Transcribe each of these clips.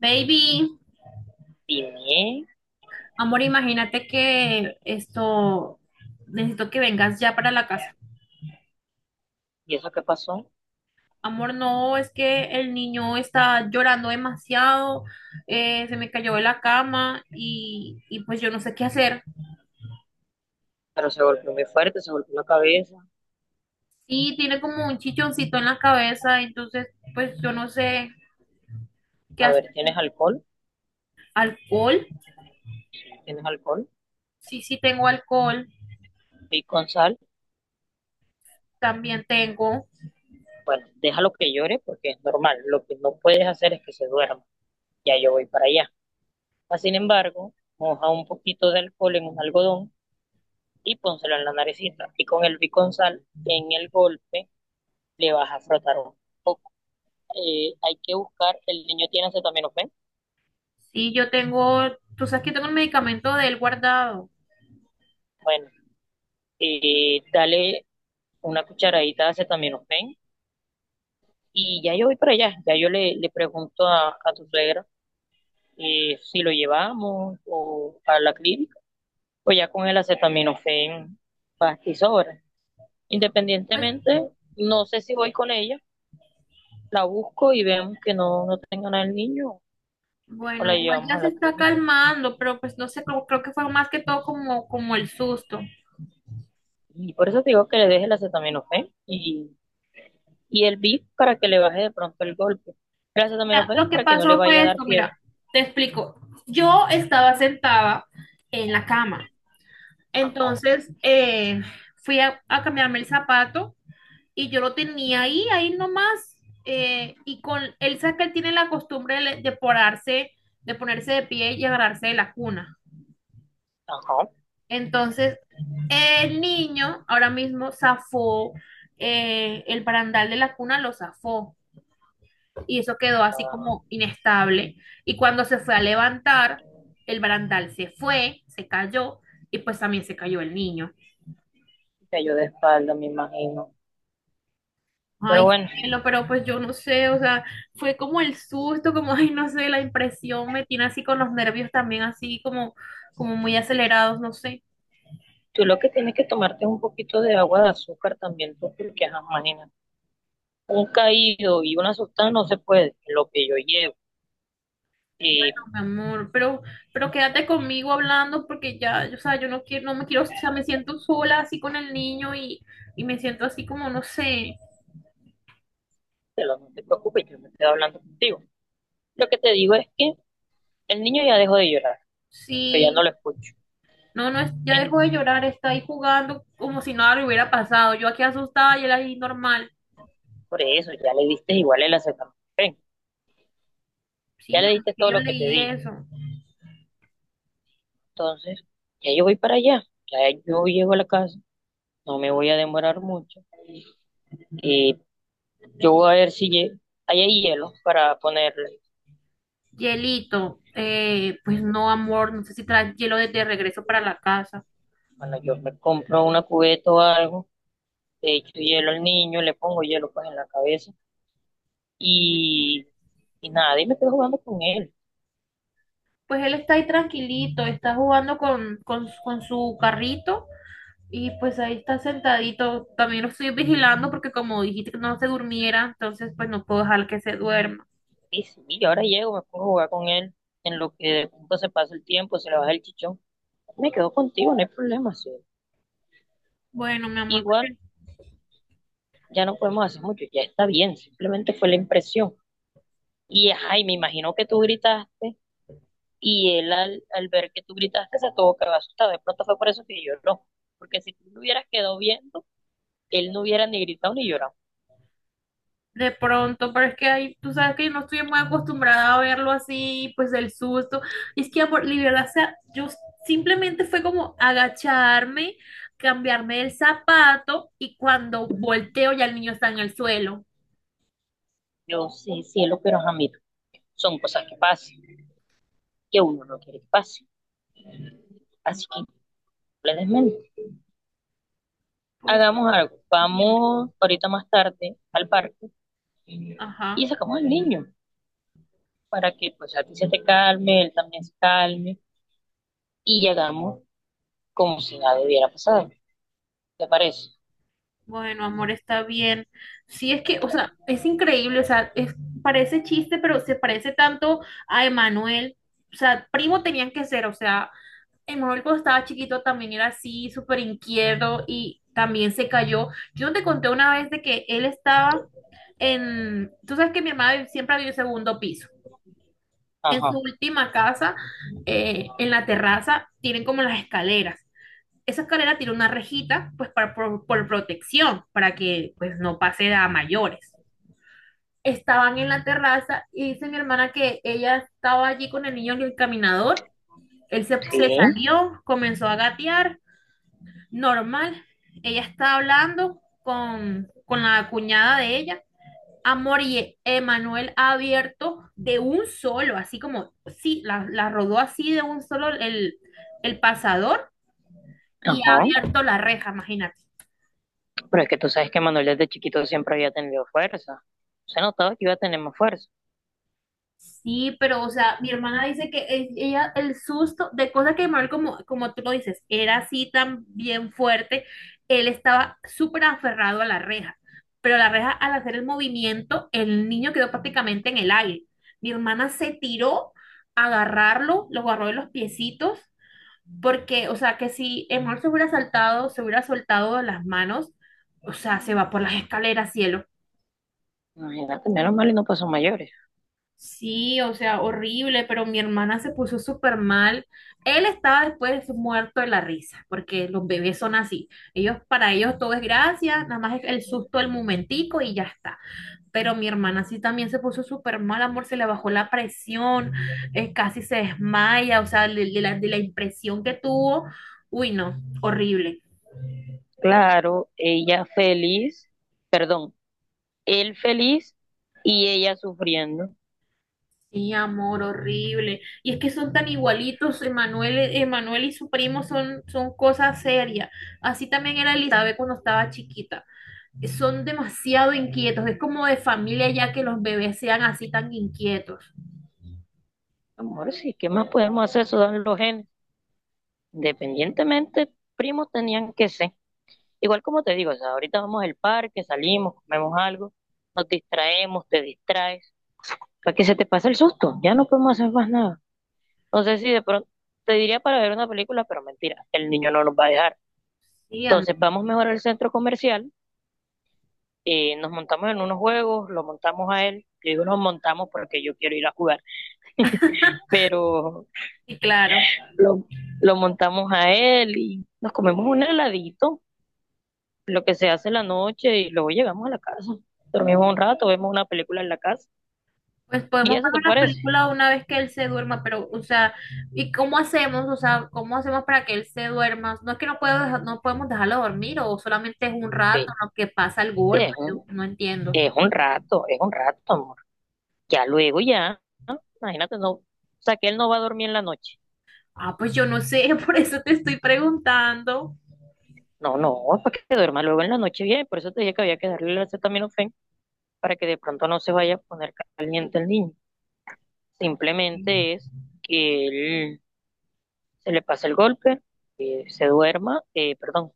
Baby, Tiné, amor, imagínate que esto, necesito que vengas ya para la casa. ¿y eso qué pasó? Amor, no, es que el niño está llorando demasiado, se me cayó de la cama y pues yo no sé qué hacer. Pero se golpeó muy fuerte, se golpeó la cabeza. Sí, tiene como un chichoncito en la cabeza, entonces pues yo no sé qué A hacer. ver, ¿tienes alcohol? ¿Alcohol? ¿Tienes alcohol? Sí, sí tengo alcohol, Y con sal, también tengo. bueno, déjalo que llore porque es normal. Lo que no puedes hacer es que se duerma. Ya yo voy para allá. Ah, sin embargo, moja un poquito de alcohol en un algodón y pónselo en la naricita. Y con el biconsal en el golpe le vas a frotar un poco. Hay que buscar, el niño tiene acetaminofén. Sí, yo tengo, tú sabes que tengo el medicamento de él guardado. Bueno, dale una cucharadita de acetaminofén. Y ya yo voy para allá, ya yo le pregunto a tu suegra, si lo llevamos o a la clínica o ya con el acetaminofén, pasta y sobra. Pues Independientemente, no sé si voy con ella, la busco y vemos que no tenga nada el niño o bueno, la igual llevamos ya a se la está clínica. calmando, pero pues no sé, creo, creo que fue más que todo como, como el susto. Y por eso te digo que le deje el acetaminofén y el VIP para que le baje de pronto el golpe. El Mira, acetaminofén es lo que para que no le pasó vaya fue a dar esto, mira, fiebre. te explico. Yo estaba sentada en la cama, Ajá, entonces fui a cambiarme el zapato y yo lo tenía ahí, ahí nomás, y con él, sabe que él tiene la costumbre de porarse, de ponerse de pie y agarrarse de la cuna. ajá. Entonces el niño ahora mismo zafó, el barandal de la cuna, lo zafó y eso quedó así Ah, como inestable. Y cuando se fue a levantar, el barandal se fue, se cayó y pues también se cayó el niño. cayó de espalda, me imagino. Pero Ay, bueno, cielo, pero pues yo no sé, o sea, fue como el susto, como, ay, no sé, la impresión me tiene así con los nervios también así como, como muy acelerados, no sé. tú lo que tienes que tomarte es un poquito de agua de azúcar también, tú, porque ajá, imagínate, un caído y una asustada no se puede, lo que yo llevo. Y Amor, pero quédate conmigo hablando porque ya, o sea, yo no quiero, no me quiero, o sea, me siento sola así con el niño y me siento así como, no sé, pero no te preocupes, yo me estoy hablando contigo. Lo que te digo es que el niño ya dejó de llorar, pero ya no sí, lo escucho. no, no, ya En- dejó de llorar, está ahí jugando como si nada le hubiera pasado, yo aquí asustada y él ahí normal, por eso, ya le diste igual el acetaminofén, sí, ya mi le amor, diste que todo yo lo que te leí di. eso. Entonces, ya yo voy para allá, ya yo llego a la casa, no me voy a demorar mucho. Y yo voy a ver si hay hielo para ponerle. Hielito, pues no, amor, no sé si traes hielo de regreso para la casa. Cuando yo me compro una cubeta o algo, le echo hielo al niño, le pongo hielo pues en la cabeza y, y nada, y me quedo jugando con él. Pues él está ahí tranquilito, está jugando con su carrito. Y pues ahí está sentadito. También lo estoy vigilando porque como dijiste que no se durmiera, entonces pues no puedo dejar que se duerma. Y sí, y ahora llego, me pongo a jugar con él, en lo que de pronto se pasa el tiempo, se le baja el chichón. Me quedo contigo, no hay problema, sí. Bueno, mi amor, Igual ya no podemos hacer mucho, ya está bien, simplemente fue la impresión. Y ay, me imagino que tú gritaste y él al ver que tú gritaste se tuvo que haber asustado. De pronto fue por eso que yo no, porque si tú lo hubieras quedado viendo él no hubiera ni gritado ni llorado. de pronto, pero es que ahí tú sabes que yo no estoy muy acostumbrada a verlo así, pues del susto. Y es que, amor, libertad, o sea, yo simplemente fue como agacharme, cambiarme el zapato y cuando volteo ya el niño está en el suelo. Yo sí, cielo, pero ajá, mira, son cosas que pasan, que uno no quiere que pase. Así que no le desmente. Pues Hagamos algo. dime, Vamos ahorita más tarde al parque ajá. y sacamos al niño para que pues a ti se te calme, él también se calme y llegamos como si nada hubiera pasado. ¿Te parece? Bueno, amor, está bien. Sí, es que, o sea, es increíble, o sea, es, parece chiste, pero se parece tanto a Emanuel. O sea, primo tenían que ser, o sea, Emanuel cuando estaba chiquito también era así, súper inquieto y también se cayó. Yo no te conté una vez de que él estaba en, tú sabes que mi mamá siempre vivió en segundo piso. En su Ajá, última casa, en la terraza, tienen como las escaleras. Esa escalera tiene una rejita, pues para, por protección, para que pues no pase a mayores. Estaban en la terraza y dice mi hermana que ella estaba allí con el niño en el caminador. Él se, se sí, salió, comenzó a gatear, normal. Ella está hablando con la cuñada de ella. Amor y Emanuel ha abierto de un solo, así como, sí, la rodó así de un solo el pasador y ha ajá. abierto la reja, imagínate. Pero es que tú sabes que Manuel desde chiquito siempre había tenido fuerza. Se notaba que iba a tener más fuerza. Sí, pero o sea, mi hermana dice que ella el susto de cosas que Manuel, como, como tú lo dices, era así tan bien fuerte, él estaba súper aferrado a la reja, pero la reja al hacer el movimiento, el niño quedó prácticamente en el aire. Mi hermana se tiró a agarrarlo, lo agarró de los piecitos, porque o sea, que si Manuel se hubiera saltado, se hubiera soltado de las manos, o sea, se va por las escaleras, cielo. Imagínate, menos mal y no pasó mayores. Sí, o sea, horrible, pero mi hermana se puso súper mal. Él estaba después muerto de la risa, porque los bebés son así. Ellos, para ellos todo es gracia, nada más es el susto del momentico y ya está. Pero mi hermana sí también se puso súper mal, amor, se le bajó la presión, casi se desmaya, o sea, de la impresión que tuvo. Uy, no, horrible. Claro, ella feliz, perdón, él feliz y ella sufriendo. Sí, amor, horrible. Y es que son tan igualitos, Emanuel, Emanuel y su primo son, son cosas serias. Así también era Elizabeth cuando estaba chiquita. Son demasiado inquietos. Es como de familia ya que los bebés sean así tan inquietos. Amor, sí, ¿qué más podemos hacer? Eso dan los genes. Independientemente, primos tenían que ser. Igual como te digo, o sea, ahorita vamos al parque, salimos, comemos algo, nos distraemos, te distraes, para que se te pase el susto, ya no podemos hacer más nada. No sé si de pronto te diría para ver una película, pero mentira, el niño no nos va a dejar. Sí, amor. Entonces vamos mejor al centro comercial, nos montamos en unos juegos, lo montamos a él, yo digo nos montamos porque yo quiero ir a jugar, pero Sí, claro. lo, lo montamos a él y nos comemos un heladito, lo que se hace en la noche y luego llegamos a la casa, dormimos un rato, vemos una película en la casa Pues y podemos eso te ver la parece. película una vez que él se duerma, pero, o sea, ¿y cómo hacemos? O sea, ¿cómo hacemos para que él se duerma? No es que no puedo no podemos dejarlo dormir o solamente es un rato, Vete, lo que pasa el golpe, es yo un, no entiendo. Es un rato, amor, ya luego ya, ¿no? Imagínate, no, o sea que él no va a dormir en la noche. Ah, pues yo no sé, por eso te estoy preguntando. No, no, para que duerma luego en la noche bien, por eso te dije que había que darle el acetaminofén para que de pronto no se vaya a poner caliente el niño. Simplemente es que él se le pase el golpe, se duerma, perdón,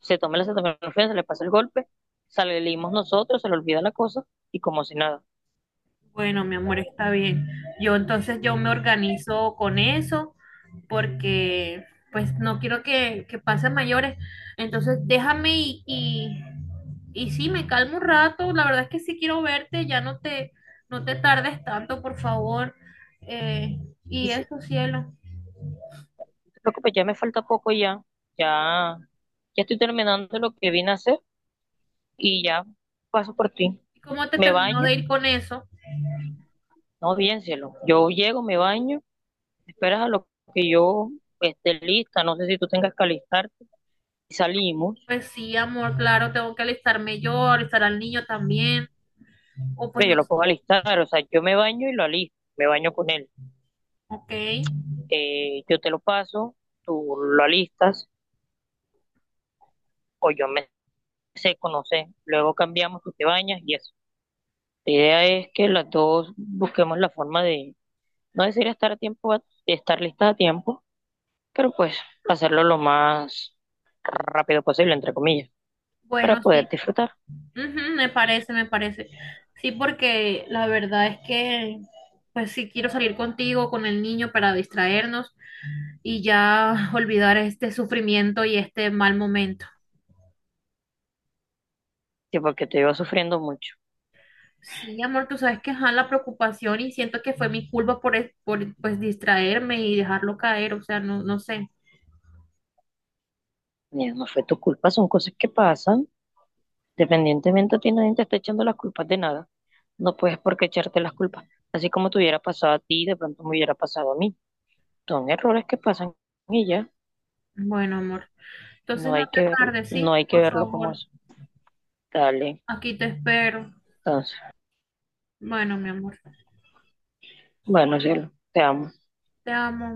se tome la acetaminofén, se le pase el golpe, salimos nosotros, se le olvida la cosa y como si nada. Bueno, mi amor, está bien. Yo entonces yo me organizo con eso porque pues no quiero que pasen mayores. Entonces déjame y sí, me calmo un rato. La verdad es que sí quiero verte, ya no te, no te tardes tanto, por favor. Eh, Y y sí, eso, cielo. no te preocupes, ya me falta poco ya, ya, ya estoy terminando lo que vine a hacer y ya paso por ti. ¿Y cómo te Me terminó baño, de ir con eso? no bien cielo, yo llego, me baño, esperas a lo que yo esté lista, no sé si tú tengas que alistarte y salimos. Pues sí, amor, claro, tengo que alistarme yo, alistar al niño también. O pues Pero yo no, lo puedo alistar, o sea, yo me baño y lo alisto, me baño con él. ok. Yo te lo paso, tú lo alistas, o yo me seco, no sé. Luego cambiamos, tú te bañas y eso. La idea es que las dos busquemos la forma de, no decir estar a tiempo, de estar listas a tiempo, pero pues hacerlo lo más rápido posible, entre comillas, para Bueno, poder sí, disfrutar. ujú, me parece, me parece. Sí, porque la verdad es que, pues sí quiero salir contigo, con el niño, para distraernos y ya olvidar este sufrimiento y este mal momento. Sí, porque te iba sufriendo mucho. Sí, amor, tú sabes que ajá, la preocupación y siento que fue mi culpa por, por pues distraerme y dejarlo caer, o sea, no, no sé. Mira, no fue tu culpa, son cosas que pasan. Dependientemente a ti, nadie te está echando las culpas de nada. No puedes por qué echarte las culpas. Así como te hubiera pasado a ti, de pronto me hubiera pasado a mí. Son errores que pasan y ya. Bueno, amor, No entonces no hay te que verlo, tardes, no ¿sí? hay que Por verlo como favor, es. Dale. aquí te espero. Entonces, Bueno, mi amor, bueno, cielo, te amo. te amo.